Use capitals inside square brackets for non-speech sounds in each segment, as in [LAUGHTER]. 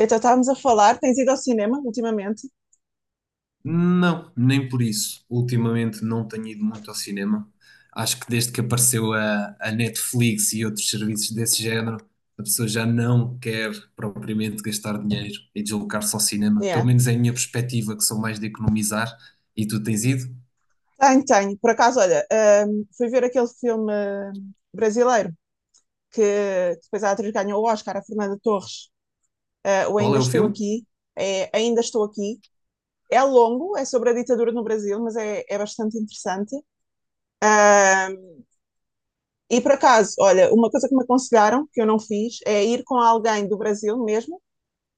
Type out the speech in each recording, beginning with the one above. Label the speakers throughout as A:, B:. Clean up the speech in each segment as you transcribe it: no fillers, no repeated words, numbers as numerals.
A: Então estávamos a falar, tens ido ao cinema ultimamente?
B: Não, nem por isso. Ultimamente não tenho ido muito ao cinema. Acho que desde que apareceu a Netflix e outros serviços desse género, a pessoa já não quer propriamente gastar dinheiro e deslocar-se ao cinema. Pelo
A: Yeah.
B: menos é a minha perspectiva, que sou mais de economizar. E tu tens ido?
A: Tenho, tenho. Por acaso, olha, fui ver aquele filme brasileiro que depois a atriz ganhou o Oscar, a Fernanda Torres, o
B: Qual
A: Ainda
B: é o
A: Estou
B: filme?
A: Aqui. É, Ainda Estou Aqui. É longo, é sobre a ditadura no Brasil, mas é bastante interessante. Ahm, e por acaso, olha, uma coisa que me aconselharam, que eu não fiz, é ir com alguém do Brasil mesmo,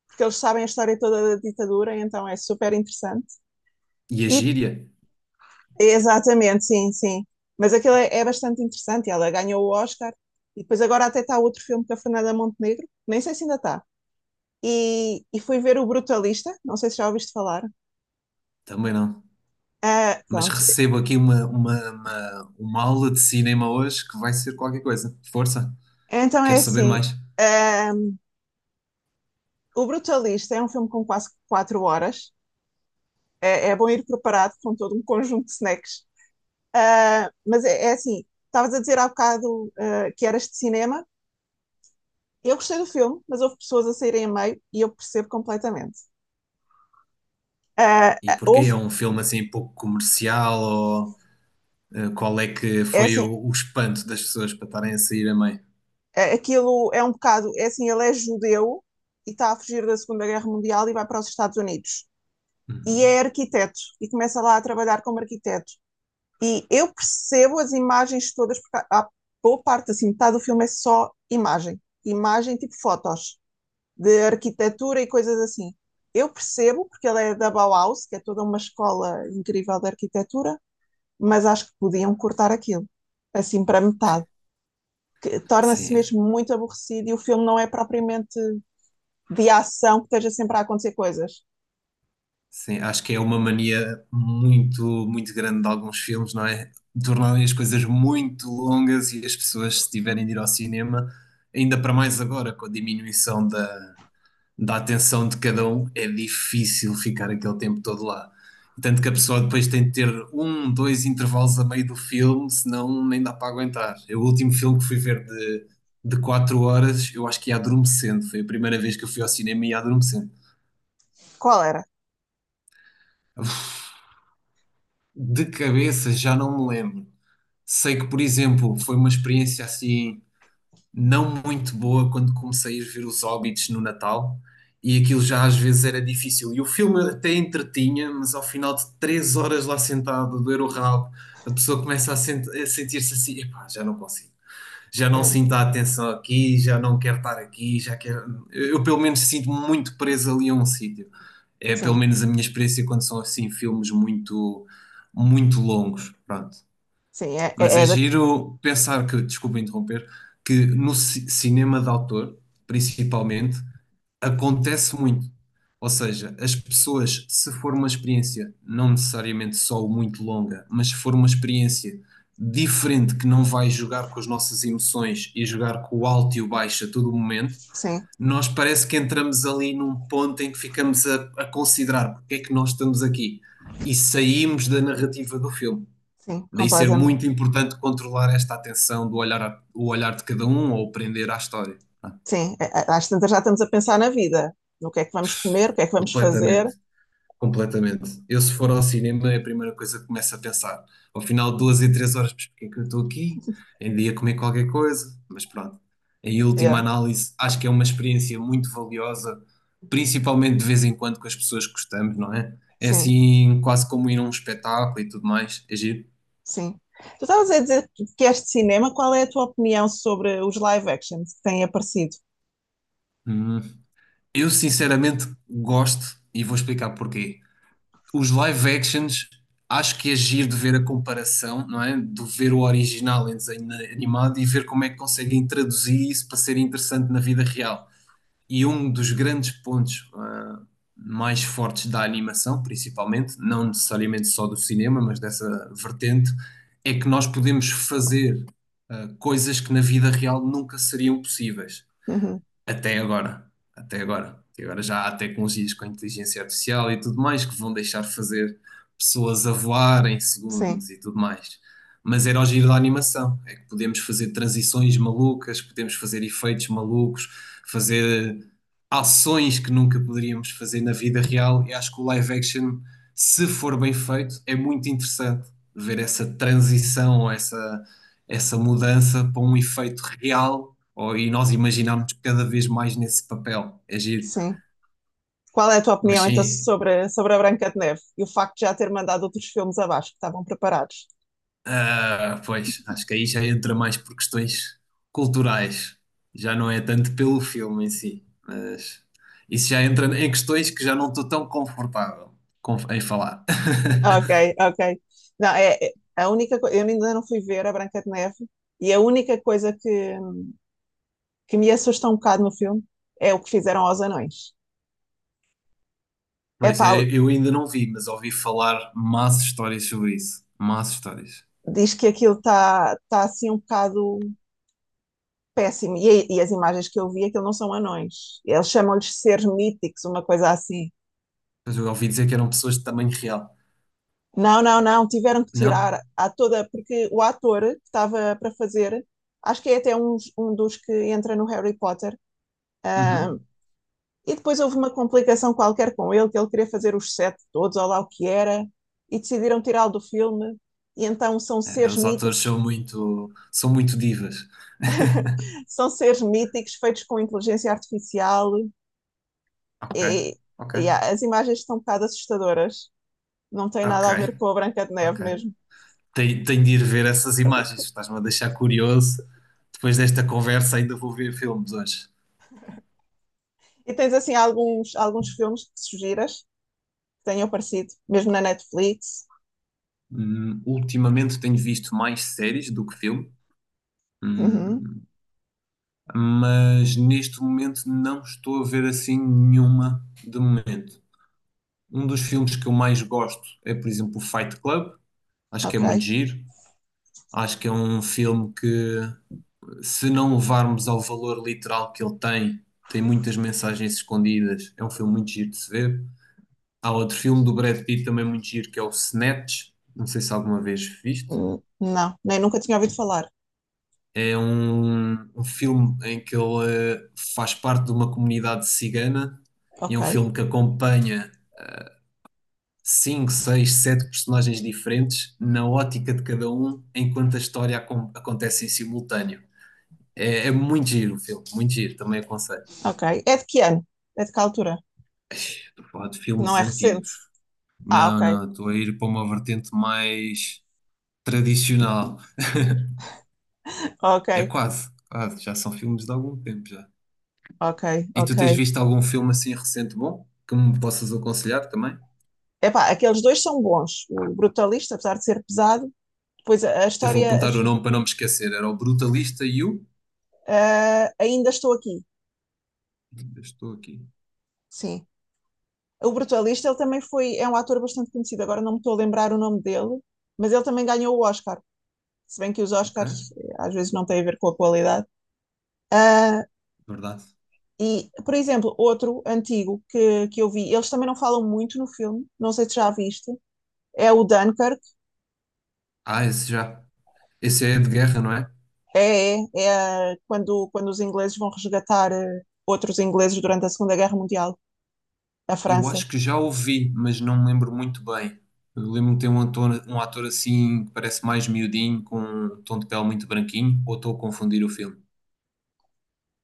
A: porque eles sabem a história toda da ditadura, então é super interessante.
B: E a
A: E
B: gíria?
A: exatamente, sim, sim. Mas aquilo é bastante interessante. Ela ganhou o Oscar e depois agora até está outro filme com a Fernanda Montenegro, nem sei se ainda está. E fui ver o Brutalista, não sei se já ouviste falar.
B: Também não.
A: Ah,
B: Mas
A: pronto.
B: recebo aqui uma aula de cinema hoje que vai ser qualquer coisa. Força,
A: Então é
B: quero saber
A: assim:
B: mais.
A: ah, o Brutalista é um filme com quase 4 horas. É bom ir preparado com todo um conjunto de snacks. Ah, mas é assim: estavas a dizer há bocado que eras de cinema. Eu gostei do filme, mas houve pessoas a saírem a meio e eu percebo completamente. Ah,
B: E
A: ah,
B: porquê?
A: houve.
B: É um filme assim pouco comercial. Qual é que
A: É
B: foi
A: assim,
B: o espanto das pessoas para estarem a sair a meio?
A: aquilo é um bocado, é assim, ele é judeu e está a fugir da Segunda Guerra Mundial e vai para os Estados Unidos. E
B: Uhum.
A: é arquiteto e começa lá a trabalhar como arquiteto. E eu percebo as imagens todas, porque há boa parte, assim, metade do filme é só imagem. Imagem tipo fotos de arquitetura e coisas assim. Eu percebo, porque ele é da Bauhaus, que é toda uma escola incrível de arquitetura, mas acho que podiam cortar aquilo, assim, para metade. Que torna-se
B: Sim,
A: mesmo muito aborrecido e o filme não é propriamente de ação que esteja sempre a acontecer coisas.
B: sim, acho que é uma mania muito, muito grande de alguns filmes, não é? Tornarem as coisas muito longas e as pessoas, se tiverem de ir ao cinema, ainda para mais agora, com a diminuição da atenção de cada um, é difícil ficar aquele tempo todo lá. Tanto que a pessoa depois tem de ter um, dois intervalos a meio do filme, senão nem dá para aguentar. Eu, o último filme que fui ver de 4 horas, eu acho que ia adormecendo. Foi a primeira vez que eu fui ao cinema e ia adormecendo.
A: Qual era?
B: De cabeça já não me lembro. Sei que, por exemplo, foi uma experiência assim não muito boa quando comecei a ver os Hobbits no Natal e aquilo já às vezes era difícil. E o filme até entretinha, mas ao final de 3 horas lá sentado, a doer o rabo, a pessoa começa a sentir-se assim: epá, já não consigo. Já não
A: É,
B: sinto a atenção aqui, já não quero estar aqui, já quero. Eu, pelo menos, sinto-me muito preso ali a um sítio. É pelo
A: sim,
B: menos a minha experiência quando são assim filmes muito, muito longos. Pronto.
A: sim,
B: Mas é
A: é da,
B: giro pensar que, desculpa interromper, que no cinema de autor, principalmente, acontece muito. Ou seja, as pessoas, se for uma experiência, não necessariamente só muito longa, mas se for uma experiência diferente que não vai jogar com as nossas emoções e jogar com o alto e o baixo a todo o momento,
A: sim,
B: nós parece que entramos ali num ponto em que ficamos a considerar porque é que nós estamos aqui e saímos da narrativa do filme.
A: sim,
B: Daí ser muito
A: completamente.
B: importante controlar esta atenção do olhar, o olhar de cada um ou prender à história.
A: Sim, é, às tantas já estamos a pensar na vida, no que é que vamos comer, o que é que vamos fazer.
B: Completamente, completamente. Eu, se for ao cinema, é a primeira coisa que começo a pensar. Ao final de 2 e 3 horas, mas porquê que eu estou aqui? Ainda ia comer qualquer coisa, mas pronto. Em última
A: É,
B: análise, acho que é uma experiência muito valiosa, principalmente de vez em quando com as pessoas que gostamos, não é? É
A: sim,
B: assim, quase como ir a um espetáculo e tudo mais. É giro.
A: sim. Tu estavas a dizer que és de cinema, qual é a tua opinião sobre os live actions que têm aparecido?
B: Hum. Eu, sinceramente, gosto e vou explicar porquê. Os live actions, acho que é giro de ver a comparação, não é? De ver o original em desenho animado e ver como é que conseguem traduzir isso para ser interessante na vida real. E um dos grandes pontos, mais fortes da animação, principalmente, não necessariamente só do cinema, mas dessa vertente, é que nós podemos fazer, coisas que na vida real nunca seriam possíveis.
A: Uhum.
B: Até agora, até agora. E agora já há tecnologias com inteligência artificial e tudo mais que vão deixar fazer pessoas a voar em
A: Sim,
B: segundos e tudo mais. Mas era o giro da animação, é que podemos fazer transições malucas, podemos fazer efeitos malucos, fazer ações que nunca poderíamos fazer na vida real. E acho que o live action, se for bem feito, é muito interessante ver essa transição, essa mudança para um efeito real e nós imaginamos cada vez mais nesse papel, é giro.
A: sim. Qual é a tua
B: Mas
A: opinião então
B: sim,
A: sobre, sobre a Branca de Neve e o facto de já ter mandado outros filmes abaixo que estavam preparados?
B: pois, acho que aí já entra mais por questões culturais, já não é tanto pelo filme em si, mas isso já entra em questões que já não estou tão confortável em falar.
A: Ok,
B: [LAUGHS]
A: ok. Não, é- a única coisa, eu ainda não fui ver a Branca de Neve e a única coisa que me assusta um bocado no filme é o que fizeram aos anões.
B: Pois,
A: Epá,
B: eu ainda não vi, mas ouvi falar más histórias sobre isso, más histórias.
A: diz que aquilo está tá, assim um bocado péssimo e as imagens que eu vi, aquilo não são anões. Eles chamam-lhes seres míticos, uma coisa assim.
B: Mas eu ouvi dizer que eram pessoas de tamanho real,
A: Não, não, não, tiveram que
B: não?
A: tirar a toda, porque o ator que estava para fazer, acho que é até um dos que entra no Harry Potter,
B: Uhum.
A: e depois houve uma complicação qualquer com ele, que ele queria fazer os sete todos, ou lá o que era, e decidiram tirá-lo do filme, e então
B: É, os atores são muito divas. [LAUGHS]
A: são seres míticos feitos com inteligência artificial,
B: Ok,
A: e,
B: ok,
A: a- as imagens estão um bocado assustadoras, não tem
B: ok,
A: nada a ver com a Branca de
B: ok.
A: Neve mesmo.
B: Tenho de ir ver essas imagens, estás-me a deixar curioso. Depois desta conversa, ainda vou ver filmes hoje.
A: E tens assim alguns filmes que sugiras? Tenham aparecido, mesmo na Netflix.
B: Ultimamente tenho visto mais séries do que filme,
A: Uhum,
B: hum, mas neste momento não estou a ver assim nenhuma de momento. Um dos filmes que eu mais gosto é, por exemplo, o Fight Club. Acho que é
A: ok.
B: muito giro. Acho que é um filme que se não levarmos ao valor literal que ele tem, tem muitas mensagens escondidas. É um filme muito giro de se ver. Há outro filme do Brad Pitt também muito giro que é o Snatch. Não sei se alguma vez viste.
A: Hum. Não, nem nunca tinha ouvido falar.
B: É um filme em que ele faz parte de uma comunidade cigana e é
A: Ok,
B: um filme que acompanha cinco, seis, sete personagens diferentes na ótica de cada um, enquanto a história acontece em simultâneo. É muito giro o filme, muito giro, também aconselho.
A: ok. É de que ano? É de que altura?
B: Estou a falar de
A: Não
B: filmes
A: é
B: antigos.
A: recente? Ah,
B: Não,
A: ok,
B: não, estou a ir para uma vertente mais tradicional.
A: ok,
B: É quase, quase, já são filmes de algum tempo já.
A: ok,
B: E tu
A: ok.
B: tens visto algum filme assim recente bom que me possas aconselhar também?
A: Epá, aqueles dois são bons. O Brutalista, apesar de ser pesado, depois a
B: Até vou
A: história.
B: apontar o nome para não me esquecer. Era o Brutalista e o.
A: A- a- ainda estou aqui.
B: Estou aqui,
A: Sim. O Brutalista, ele também foi. É um ator bastante conhecido, agora não me estou a lembrar o nome dele, mas ele também ganhou o Oscar. Se bem que os Oscars
B: ok?
A: às vezes não têm a ver com a qualidade. Ah,
B: Verdade.
A: e, por exemplo, outro antigo que eu vi, eles também não falam muito no filme, não sei se já viste, é o Dunkirk,
B: Ah, esse já. Esse é de guerra, não é?
A: é quando, quando os ingleses vão resgatar outros ingleses durante a Segunda Guerra Mundial, a
B: Eu
A: França.
B: acho que já ouvi, mas não me lembro muito bem. Eu lembro-me de ter um ator assim que parece mais miudinho, com um tom de pele muito branquinho, ou estou a confundir o filme,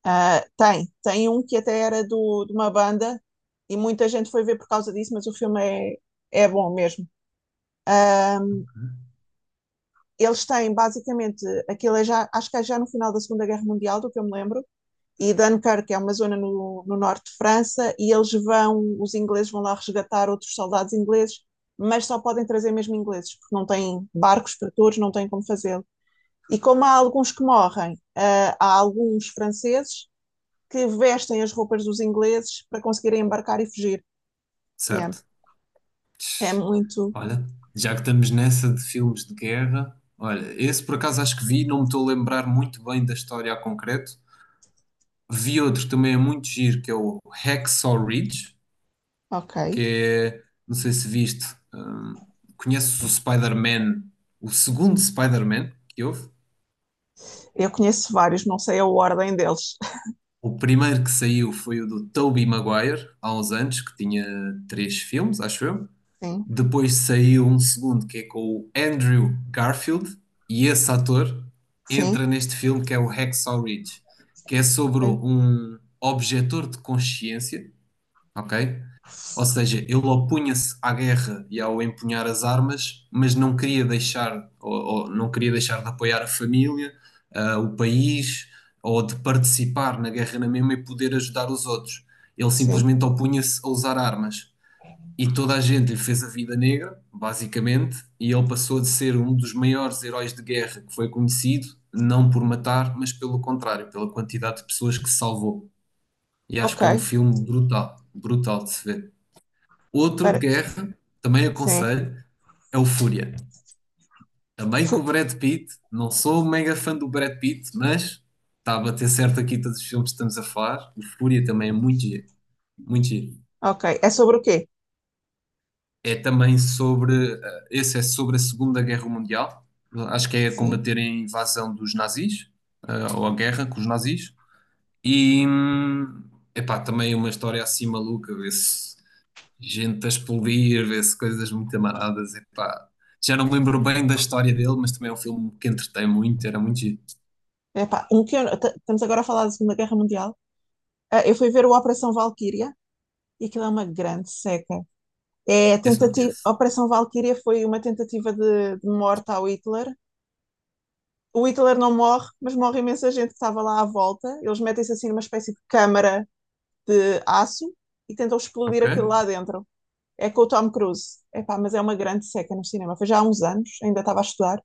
A: Ah, tem, tem um que até era do, de uma banda e muita gente foi ver por causa disso, mas o filme é bom mesmo. Ah, eles têm basicamente, aquilo é já, acho que é já no final da Segunda Guerra Mundial, do que eu me lembro, e Dunkirk é uma zona no norte de França e eles vão, os ingleses vão lá resgatar outros soldados ingleses, mas só podem trazer mesmo ingleses, porque não têm barcos para todos, não têm como fazê-lo. E como há alguns que morrem, há alguns franceses que vestem as roupas dos ingleses para conseguirem embarcar e fugir. Yeah.
B: certo?
A: É muito.
B: Olha, já que estamos nessa de filmes de guerra, olha, esse por acaso acho que vi, não me estou a lembrar muito bem da história a concreto. Vi outro que também é muito giro, que é o Hacksaw Ridge,
A: Ok.
B: que é, não sei se viste, hum, conheces o Spider-Man, o segundo Spider-Man que houve.
A: Eu conheço vários, não sei a ordem deles.
B: O primeiro que saiu foi o do Tobey Maguire, há uns anos, que tinha três filmes, acho eu.
A: [LAUGHS] Sim,
B: Depois saiu um segundo que é com o Andrew Garfield, e esse ator
A: sim,
B: entra neste filme que é o Hacksaw Ridge, que é sobre
A: ok.
B: um objetor de consciência, ok? Ou seja, ele opunha-se à guerra e ao empunhar as armas, mas não queria deixar, ou não queria deixar de apoiar a família, o país, ou de participar na guerra na mesma e poder ajudar os outros. Ele
A: Sim,
B: simplesmente opunha-se a usar armas. E toda a gente lhe fez a vida negra, basicamente, e ele passou de ser um dos maiores heróis de guerra que foi conhecido, não por matar, mas pelo contrário, pela quantidade de pessoas que salvou. E acho
A: ok.
B: que é um filme brutal, brutal de se ver. Outro de
A: Para...
B: guerra, também
A: Sim.
B: aconselho, é o Fúria. Também com o
A: Fu...
B: Brad Pitt, não sou um mega fã do Brad Pitt, mas está a bater certo aqui todos os filmes que estamos a falar. O Fúria também é muito giro, muito giro.
A: Ok. É sobre o quê?
B: É também sobre, esse é sobre a Segunda Guerra Mundial, acho que é a
A: Sim.
B: combater a invasão dos nazis, ou a guerra com os nazis, e epá, também uma história assim maluca, vê-se gente a explodir, vê-se coisas muito amaradas, epá. Já não me lembro bem da história dele, mas também é um filme que entretém muito, era muito giro.
A: Epá, um que estamos agora a falar da Segunda Guerra Mundial. Ah, eu fui ver o Operação Valquíria e aquilo é uma grande seca. É a
B: Esse não
A: tentativa, a
B: conheço.
A: Operação Valquíria foi uma tentativa de morte ao Hitler. O Hitler não morre, mas morre imensa gente que estava lá à volta. Eles metem-se assim numa espécie de câmara de aço e tentam explodir
B: Ok?
A: aquilo lá dentro. É com o Tom Cruise. Epá, mas é uma grande seca no cinema. Foi já há uns anos, ainda estava a estudar.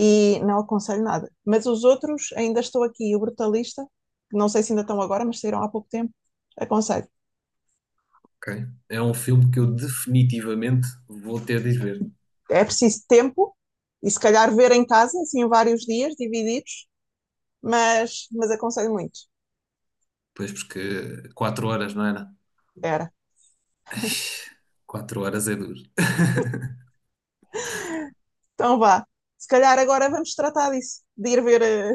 A: E não aconselho nada. Mas os outros, ainda estou aqui, o Brutalista, que não sei se ainda estão agora, mas saíram há pouco tempo, aconselho.
B: Ok. É um filme que eu definitivamente vou ter de ir ver.
A: É preciso tempo e se calhar ver em casa, assim, vários dias divididos, mas aconselho muito.
B: Pois, porque 4 horas, não é?
A: Era.
B: 4 horas é duro. [LAUGHS]
A: Então vá. Se calhar agora vamos tratar disso, de ir ver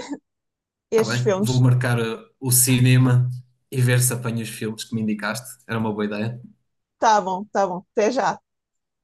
B: Tá
A: estes
B: bem, vou
A: filmes.
B: marcar o cinema e ver se apanho os filmes que me indicaste. Era uma boa ideia.
A: Tá bom, tá bom. Até já.